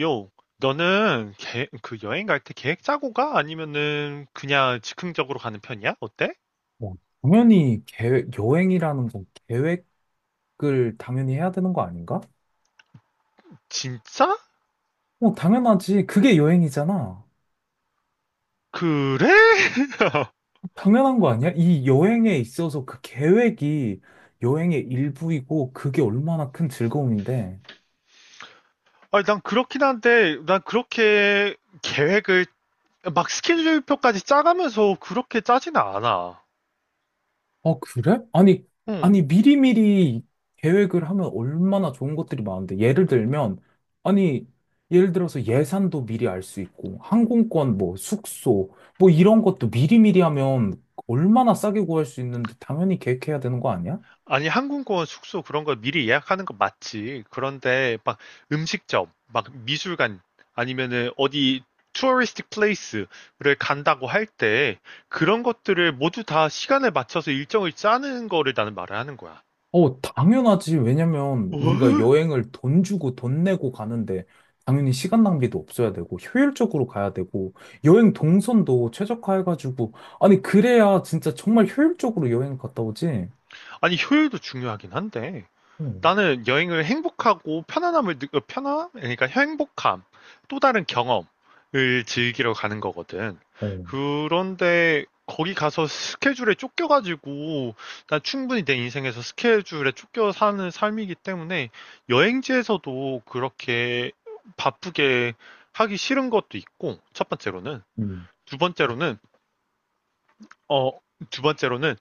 요, 너는 그 여행 갈 때 계획 짜고 가? 아니면은 그냥 즉흥적으로 가는 편이야? 어때? 뭐, 당연히 계획, 여행이라는 건 계획을 당연히 해야 되는 거 아닌가? 진짜? 뭐, 당연하지. 그게 여행이잖아. 그래? 당연한 거 아니야? 이 여행에 있어서 그 계획이 여행의 일부이고 그게 얼마나 큰 즐거움인데. 아니, 난 그렇긴 한데, 난 그렇게 계획을 막 스케줄표까지 짜가면서 그렇게 짜지는 않아. 아, 그래? 아니, 응. 아니, 미리미리 계획을 하면 얼마나 좋은 것들이 많은데. 예를 들면, 아니, 예를 들어서 예산도 미리 알 수 있고, 항공권, 뭐, 숙소, 뭐, 이런 것도 미리미리 하면 얼마나 싸게 구할 수 있는데, 당연히 계획해야 되는 거 아니야? 아니, 항공권 숙소 그런 거 미리 예약하는 거 맞지. 그런데 막 음식점, 막 미술관 아니면은 어디 투어리스틱 플레이스를 간다고 할 때 그런 것들을 모두 다 시간에 맞춰서 일정을 짜는 거를 나는 말을 하는 거야. 어, 당연하지. 왜냐면 우리가 어? 여행을 돈 주고 돈 내고 가는데 당연히 시간 낭비도 없어야 되고 효율적으로 가야 되고 여행 동선도 최적화해가지고 아니 그래야 진짜 정말 효율적으로 여행 갔다 오지. 아니, 효율도 중요하긴 한데. 어. 나는 여행을 행복하고 편안함을 편안 그러니까 행복함 또 다른 경험을 즐기러 가는 거거든. 음. 그런데 거기 가서 스케줄에 쫓겨가지고 난 충분히 내 인생에서 스케줄에 쫓겨 사는 삶이기 때문에 여행지에서도 그렇게 바쁘게 하기 싫은 것도 있고 첫 번째로는 음. 두 번째로는 어 두 번째로는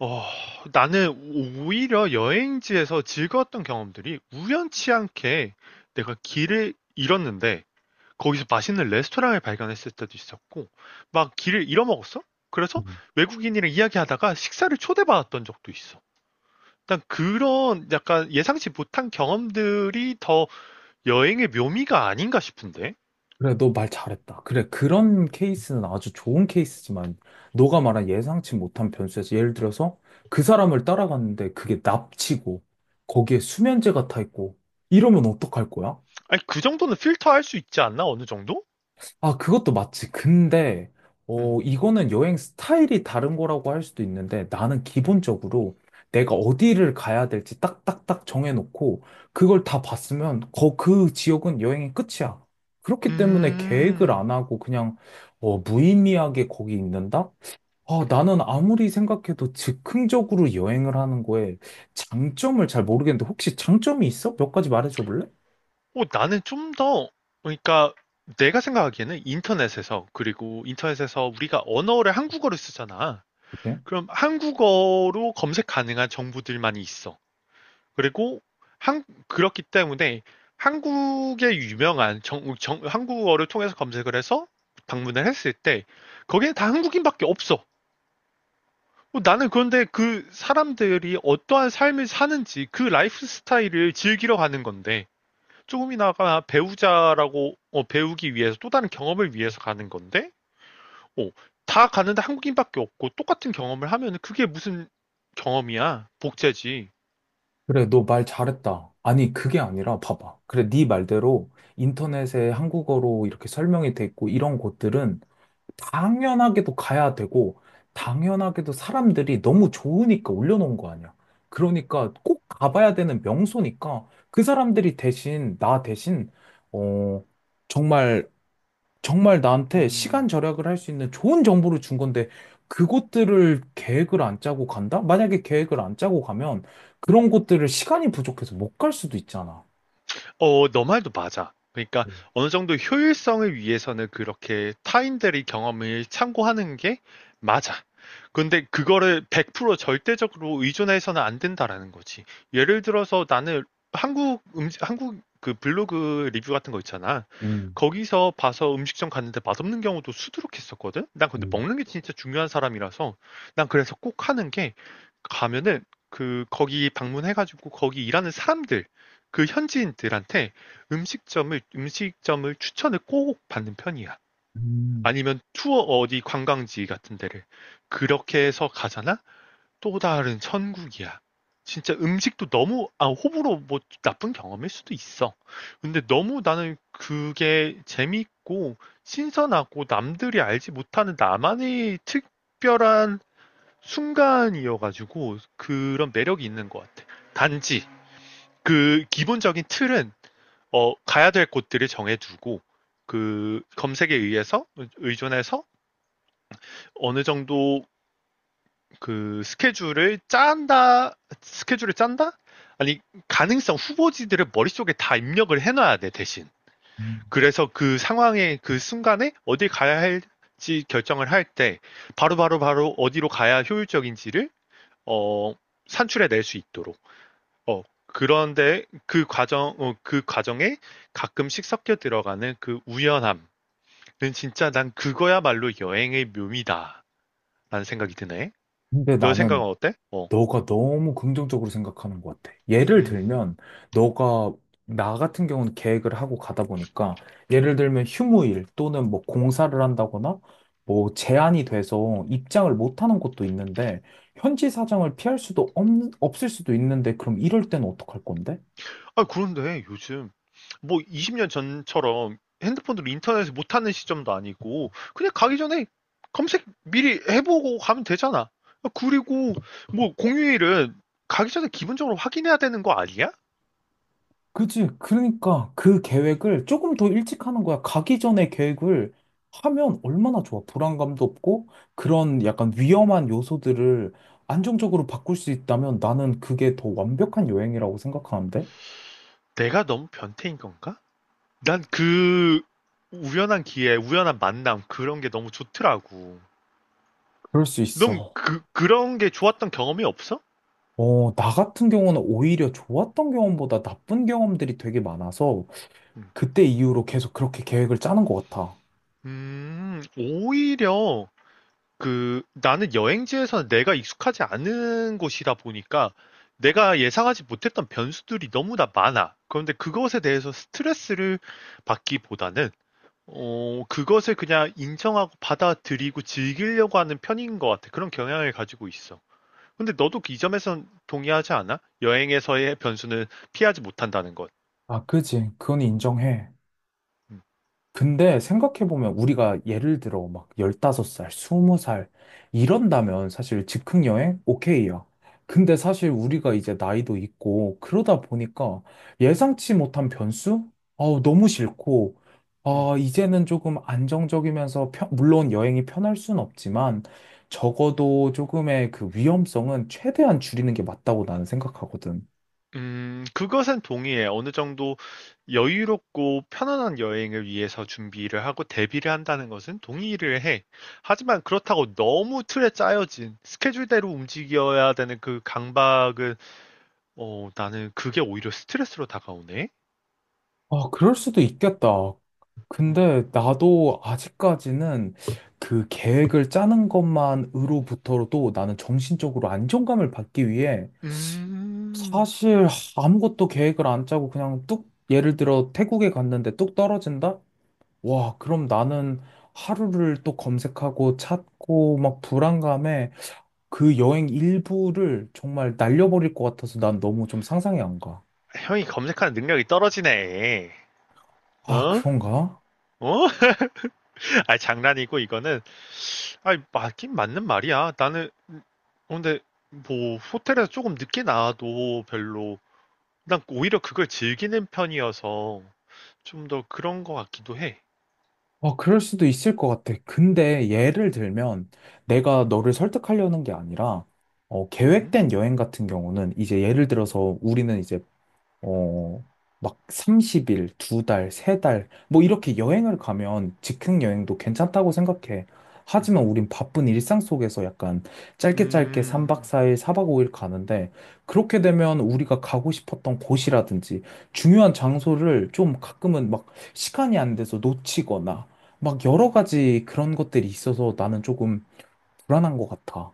어, 나는 오히려 여행지에서 즐거웠던 경험들이 우연치 않게 내가 길을 잃었는데 거기서 맛있는 레스토랑을 발견했을 때도 있었고 막 길을 잃어먹었어? 그래서 음. 외국인이랑 이야기하다가 식사를 초대받았던 적도 있어. 난 그런 약간 예상치 못한 경험들이 더 여행의 묘미가 아닌가 싶은데? 그래, 너 말 잘했다. 그래, 그런 케이스는 아주 좋은 케이스지만, 너가 말한 예상치 못한 변수에서 예를 들어서 그 사람을 따라갔는데 그게 납치고, 거기에 수면제가 타 있고, 이러면 어떡할 거야? 아니, 그 정도는 필터할 수 있지 않나? 어느 정도? 아, 그것도 맞지. 근데, 음. 어, 이거는 여행 스타일이 다른 거라고 할 수도 있는데, 나는 음. 기본적으로 내가 어디를 가야 될지 딱딱딱 정해놓고, 그걸 다 봤으면, 그 지역은 여행의 끝이야. 그렇기 때문에 계획을 안 음. 하고 그냥, 어, 무의미하게 거기 있는다? 아, 나는 아무리 생각해도 즉흥적으로 여행을 하는 거에 장점을 잘 모르겠는데, 혹시 장점이 있어? 몇 가지 말해줘 볼래? 나는 좀 더, 그러니까 내가 생각하기에는 인터넷에서, 그리고 인터넷에서 우리가 언어를 한국어를 쓰잖아. 그럼 한국어로 검색 가능한 정보들만이 있어. 그리고 그렇기 때문에 한국의 유명한 한국어를 통해서 검색을 해서 방문을 했을 때 거기에 다 한국인밖에 없어. 나는 그런데 그 사람들이 어떠한 삶을 사는지 그 라이프 스타일을 즐기러 가는 건데 조금이나마 배우자라고 배우기 위해서 또 다른 경험을 위해서 가는 건데 어, 다 가는데 한국인밖에 없고 똑같은 경험을 하면 그게 무슨 경험이야 복제지. 그래, 너 말 잘했다. 아니, 그게 아니라, 봐봐. 그래, 네 말대로 인터넷에 한국어로 이렇게 설명이 돼 있고, 이런 곳들은 당연하게도 가야 되고, 당연하게도 사람들이 너무 좋으니까 올려놓은 거 아니야. 그러니까 꼭 가봐야 되는 명소니까, 그 사람들이 대신, 나 대신, 어, 정말 정말 나한테 시간 음. 절약을 할 수 있는 좋은 정보를 준 건데, 그곳들을 계획을 안 짜고 간다? 만약에 계획을 안 짜고 가면 그런 곳들을 시간이 부족해서 못 갈 수도 있잖아. 너 말도 맞아. 그러니까 어느 정도 효율성을 위해서는 그렇게 타인들의 경험을 참고하는 게 맞아. 근데 그거를 100% 절대적으로 의존해서는 안 된다라는 거지. 예를 들어서 나는 한국 음식, 한국 그 블로그 리뷰 같은 거 있잖아. 음. 거기서 봐서 음식점 갔는데 맛없는 경우도 수두룩했었거든? 난 근데 음. 먹는 게 진짜 중요한 사람이라서 난 그래서 꼭 하는 게 가면은 그 거기 방문해가지고 거기 일하는 사람들 그 현지인들한테 음식점을 추천을 꼭 받는 편이야. 음. 아니면 투어 어디 관광지 같은 데를 그렇게 해서 가잖아? 또 다른 천국이야. 진짜 음식도 너무 아 호불호 뭐 나쁜 경험일 수도 있어. 근데 너무 나는 그게 재밌고 신선하고 남들이 알지 못하는 나만의 특별한 순간이어가지고 그런 매력이 있는 것 같아. 단지 그 기본적인 틀은 가야 될 곳들을 정해두고 그 검색에 의해서 의존해서 어느 정도 그 스케줄을 짠다 아니 가능성 후보지들을 머릿속에 다 입력을 해놔야 돼 대신 음. 그래서 그 상황에 그 순간에 어디 가야 할지 결정을 할 때 바로바로 바로 어디로 가야 효율적인지를 어 산출해 낼 수 있도록 그런데 그 과정에 가끔씩 섞여 들어가는 그 우연함 그 진짜 난 그거야말로 여행의 묘미다. 라는 생각이 드네. 근데 너 생각은 나는 어때? 어. 너가 너무 긍정적으로 생각하는 것 같아. 예를 음. 들면, 너가, 나 같은 경우는 계획을 하고 가다 보니까, 예를 들면 휴무일 또는 뭐 공사를 한다거나, 뭐 제한이 돼서 입장을 못 하는 곳도 있는데, 현지 사정을 피할 수도 없, 없을 수도 있는데, 그럼 이럴 땐 어떡할 건데? 아, 그런데 요즘 뭐 20년 전처럼 핸드폰으로 인터넷을 못하는 시점도 아니고 그냥 가기 전에 검색 미리 해보고 가면 되잖아. 아, 그리고 뭐 공휴일은 가기 전에 기본적으로 확인해야 되는 거 아니야? 그치. 그러니까 그 계획을 조금 더 일찍 하는 거야. 가기 전에 계획을 하면 얼마나 좋아. 불안감도 없고 그런 약간 위험한 요소들을 안정적으로 바꿀 수 있다면 나는 그게 더 완벽한 여행이라고 생각하는데? 내가 너무 변태인 건가? 난 그 우연한 기회, 우연한 만남 그런 게 너무 좋더라고. 그럴 수 넌 있어. 그런 게 좋았던 경험이 없어? 어, 나 같은 경우는 오히려 좋았던 경험보다 나쁜 경험들이 되게 많아서 음, 그때 이후로 계속 그렇게 계획을 짜는 것 같아. 오히려 그 나는 여행지에서 내가 익숙하지 않은 곳이다 보니까 내가 예상하지 못했던 변수들이 너무나 많아. 그런데 그것에 대해서 스트레스를 받기보다는 그것을 그냥 인정하고 받아들이고 즐기려고 하는 편인 것 같아. 그런 경향을 가지고 있어. 근데 너도 그 이 점에선 동의하지 않아? 여행에서의 변수는 피하지 못한다는 것. 아, 그지. 그건 인정해. 음, 근데 생각해보면 우리가 예를 들어 막 15살, 20살 이런다면 사실 즉흥여행 오케이야. 근데 사실 우리가 이제 나이도 있고 그러다 보니까 예상치 못한 변수? 아우, 너무 싫고, 음. 아, 이제는 조금 안정적이면서 물론 여행이 편할 순 없지만 적어도 조금의 그 위험성은 최대한 줄이는 게 맞다고 나는 생각하거든. 그것은 동의해 어느 정도 여유롭고 편안한 여행을 위해서 준비를 하고 대비를 한다는 것은 동의를 해. 하지만 그렇다고 너무 틀에 짜여진 스케줄대로 움직여야 되는 그 강박은, 나는 그게 오히려 스트레스로 다가오네. 아, 그럴 수도 있겠다. 음, 근데 나도 아직까지는 그 계획을 짜는 것만으로부터도 나는 정신적으로 안정감을 받기 위해 음, 사실 아무것도 계획을 안 짜고 그냥 뚝, 예를 들어 태국에 갔는데 뚝 떨어진다? 와, 그럼 나는 하루를 또 검색하고 찾고 막 불안감에 그 여행 일부를 정말 날려버릴 것 같아서 난 너무 좀 상상이 안 가. 형이 검색하는 능력이 떨어지네. 아, 어? 그런가? 어? 아, 장난이고, 이거는. 아니, 맞긴 맞는 말이야. 나는, 근데, 뭐, 호텔에서 조금 늦게 나와도 별로, 난 오히려 그걸 즐기는 편이어서, 좀 더 그런 것 같기도 해. 아, 그럴 수도 있을 것 같아. 근데 음. 예를 들면 내가 너를 설득하려는 게 아니라 어, 음. 계획된 여행 같은 경우는 이제 예를 들어서 우리는 이제 어, 막 30일, 두 달, 세 달, 뭐 이렇게 여행을 가면 즉흥 여행도 괜찮다고 생각해. 하지만 음. 우린 바쁜 일상 속에서 약간 짧게 짧게 3박 음. 4일, 4박 5일 가는데 그렇게 되면 우리가 가고 싶었던 곳이라든지 중요한 장소를 좀 가끔은 막 시간이 안 돼서 놓치거나 막 여러 가지 그런 것들이 있어서 나는 조금 불안한 것 같아.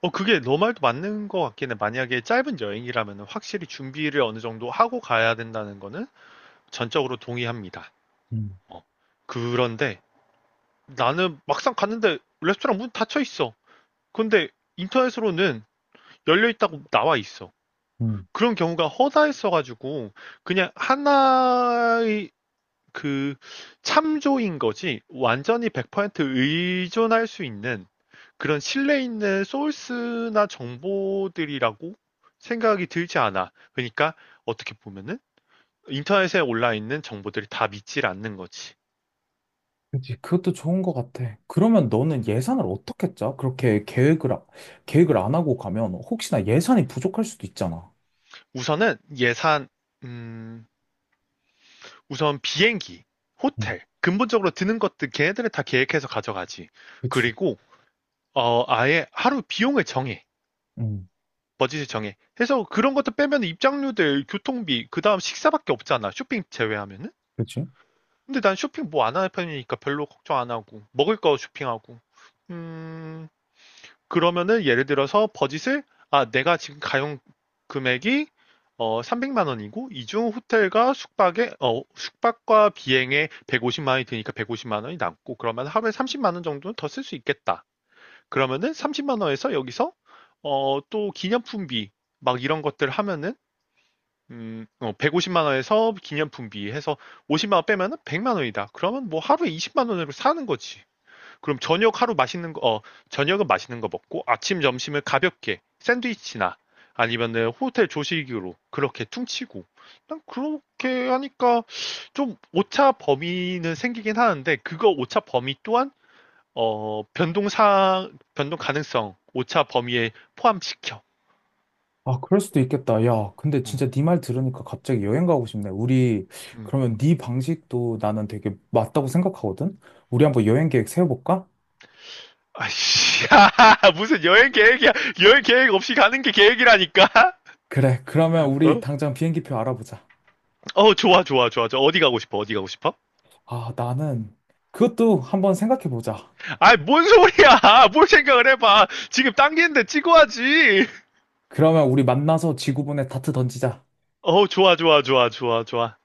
그게 너 말도 맞는 것 같긴 해. 만약에 짧은 여행이라면 확실히 준비를 어느 정도 하고 가야 된다는 거는 전적으로 동의합니다. 음. 어. 그런데, 나는 막상 갔는데, 레스토랑 문 닫혀 있어. 근데, 인터넷으로는 열려 있다고 나와 있어. 음. 그런 경우가 허다했어가지고 그냥 하나의 그 참조인 거지 완전히 100% 의존할 수 있는 그런 신뢰 있는 소스나 정보들이라고 생각이 들지 않아. 그러니까 어떻게 보면은 인터넷에 올라 있는 정보들이 다 믿질 않는 거지. 그치, 그것도 좋은 것 같아. 그러면 너는 음, 예산을 어떻게 짜? 그렇게 계획을. 계획을 안 하고 가면 혹시나 예산이 부족할 수도 있잖아. 우선은 예산, 음, 우선 비행기, 응. 호텔, 근본적으로 드는 것들 걔네들은 다 계획해서 가져가지. 그치. 그리고 아예 하루 비용을 정해. 응. 버짓을 정해. 해서 그런 것도 빼면 입장료들, 교통비, 그 다음 식사밖에 없잖아. 쇼핑 제외하면은. 그치? 근데 난 쇼핑 뭐 안 하는 편이니까 별로 걱정 안 하고. 먹을 거 쇼핑하고. 음, 그러면은 예를 들어서 버짓을, 아, 내가 지금 가용 금액이 300만 원이고, 이중 호텔과 숙박에, 숙박과 비행에 150만 원이 드니까 150만 원이 남고, 그러면 하루에 30만 원 정도는 더 쓸 수 있겠다. 그러면은 30만 원에서 여기서 또 기념품비 막 이런 것들 하면은 150만 원에서 기념품비 해서 50만 원 빼면은 100만 원이다. 그러면 뭐 하루에 20만 원으로 사는 거지. 그럼 저녁 하루 맛있는 거, 저녁은 맛있는 거 먹고 아침 점심을 가볍게 샌드위치나 아니면은 호텔 조식으로 그렇게 퉁치고 난 그렇게 하니까 좀 오차 범위는 생기긴 하는데 그거 오차 범위 또한 어, 변동사, 변동 가능성, 오차 범위에 포함시켜. 아, 그럴 수도 있겠다. 야, 근데 음. 진짜 네 말 들으니까 갑자기 여행 가고 싶네. 우리, 음. 그러면 네 방식도 나는 되게 맞다고 생각하거든? 우리 한번 여행 계획 세워볼까? 아이씨, 무슨 여행 계획이야. 여행 계획 없이 가는 게 계획이라니까? 그래, 그러면 우리 어? 당장 비행기표 알아보자. 어, 좋아, 좋아, 좋아. 저 어디 가고 싶어? 어디 가고 싶어? 아, 나는 그것도 한번 생각해보자. 아이, 뭔 소리야! 뭘 생각을 해봐. 지금 당기는데 찍어야지. 그러면 우리 만나서 지구본에 다트 던지자. 어, 좋아, 좋아, 좋아, 좋아, 좋아.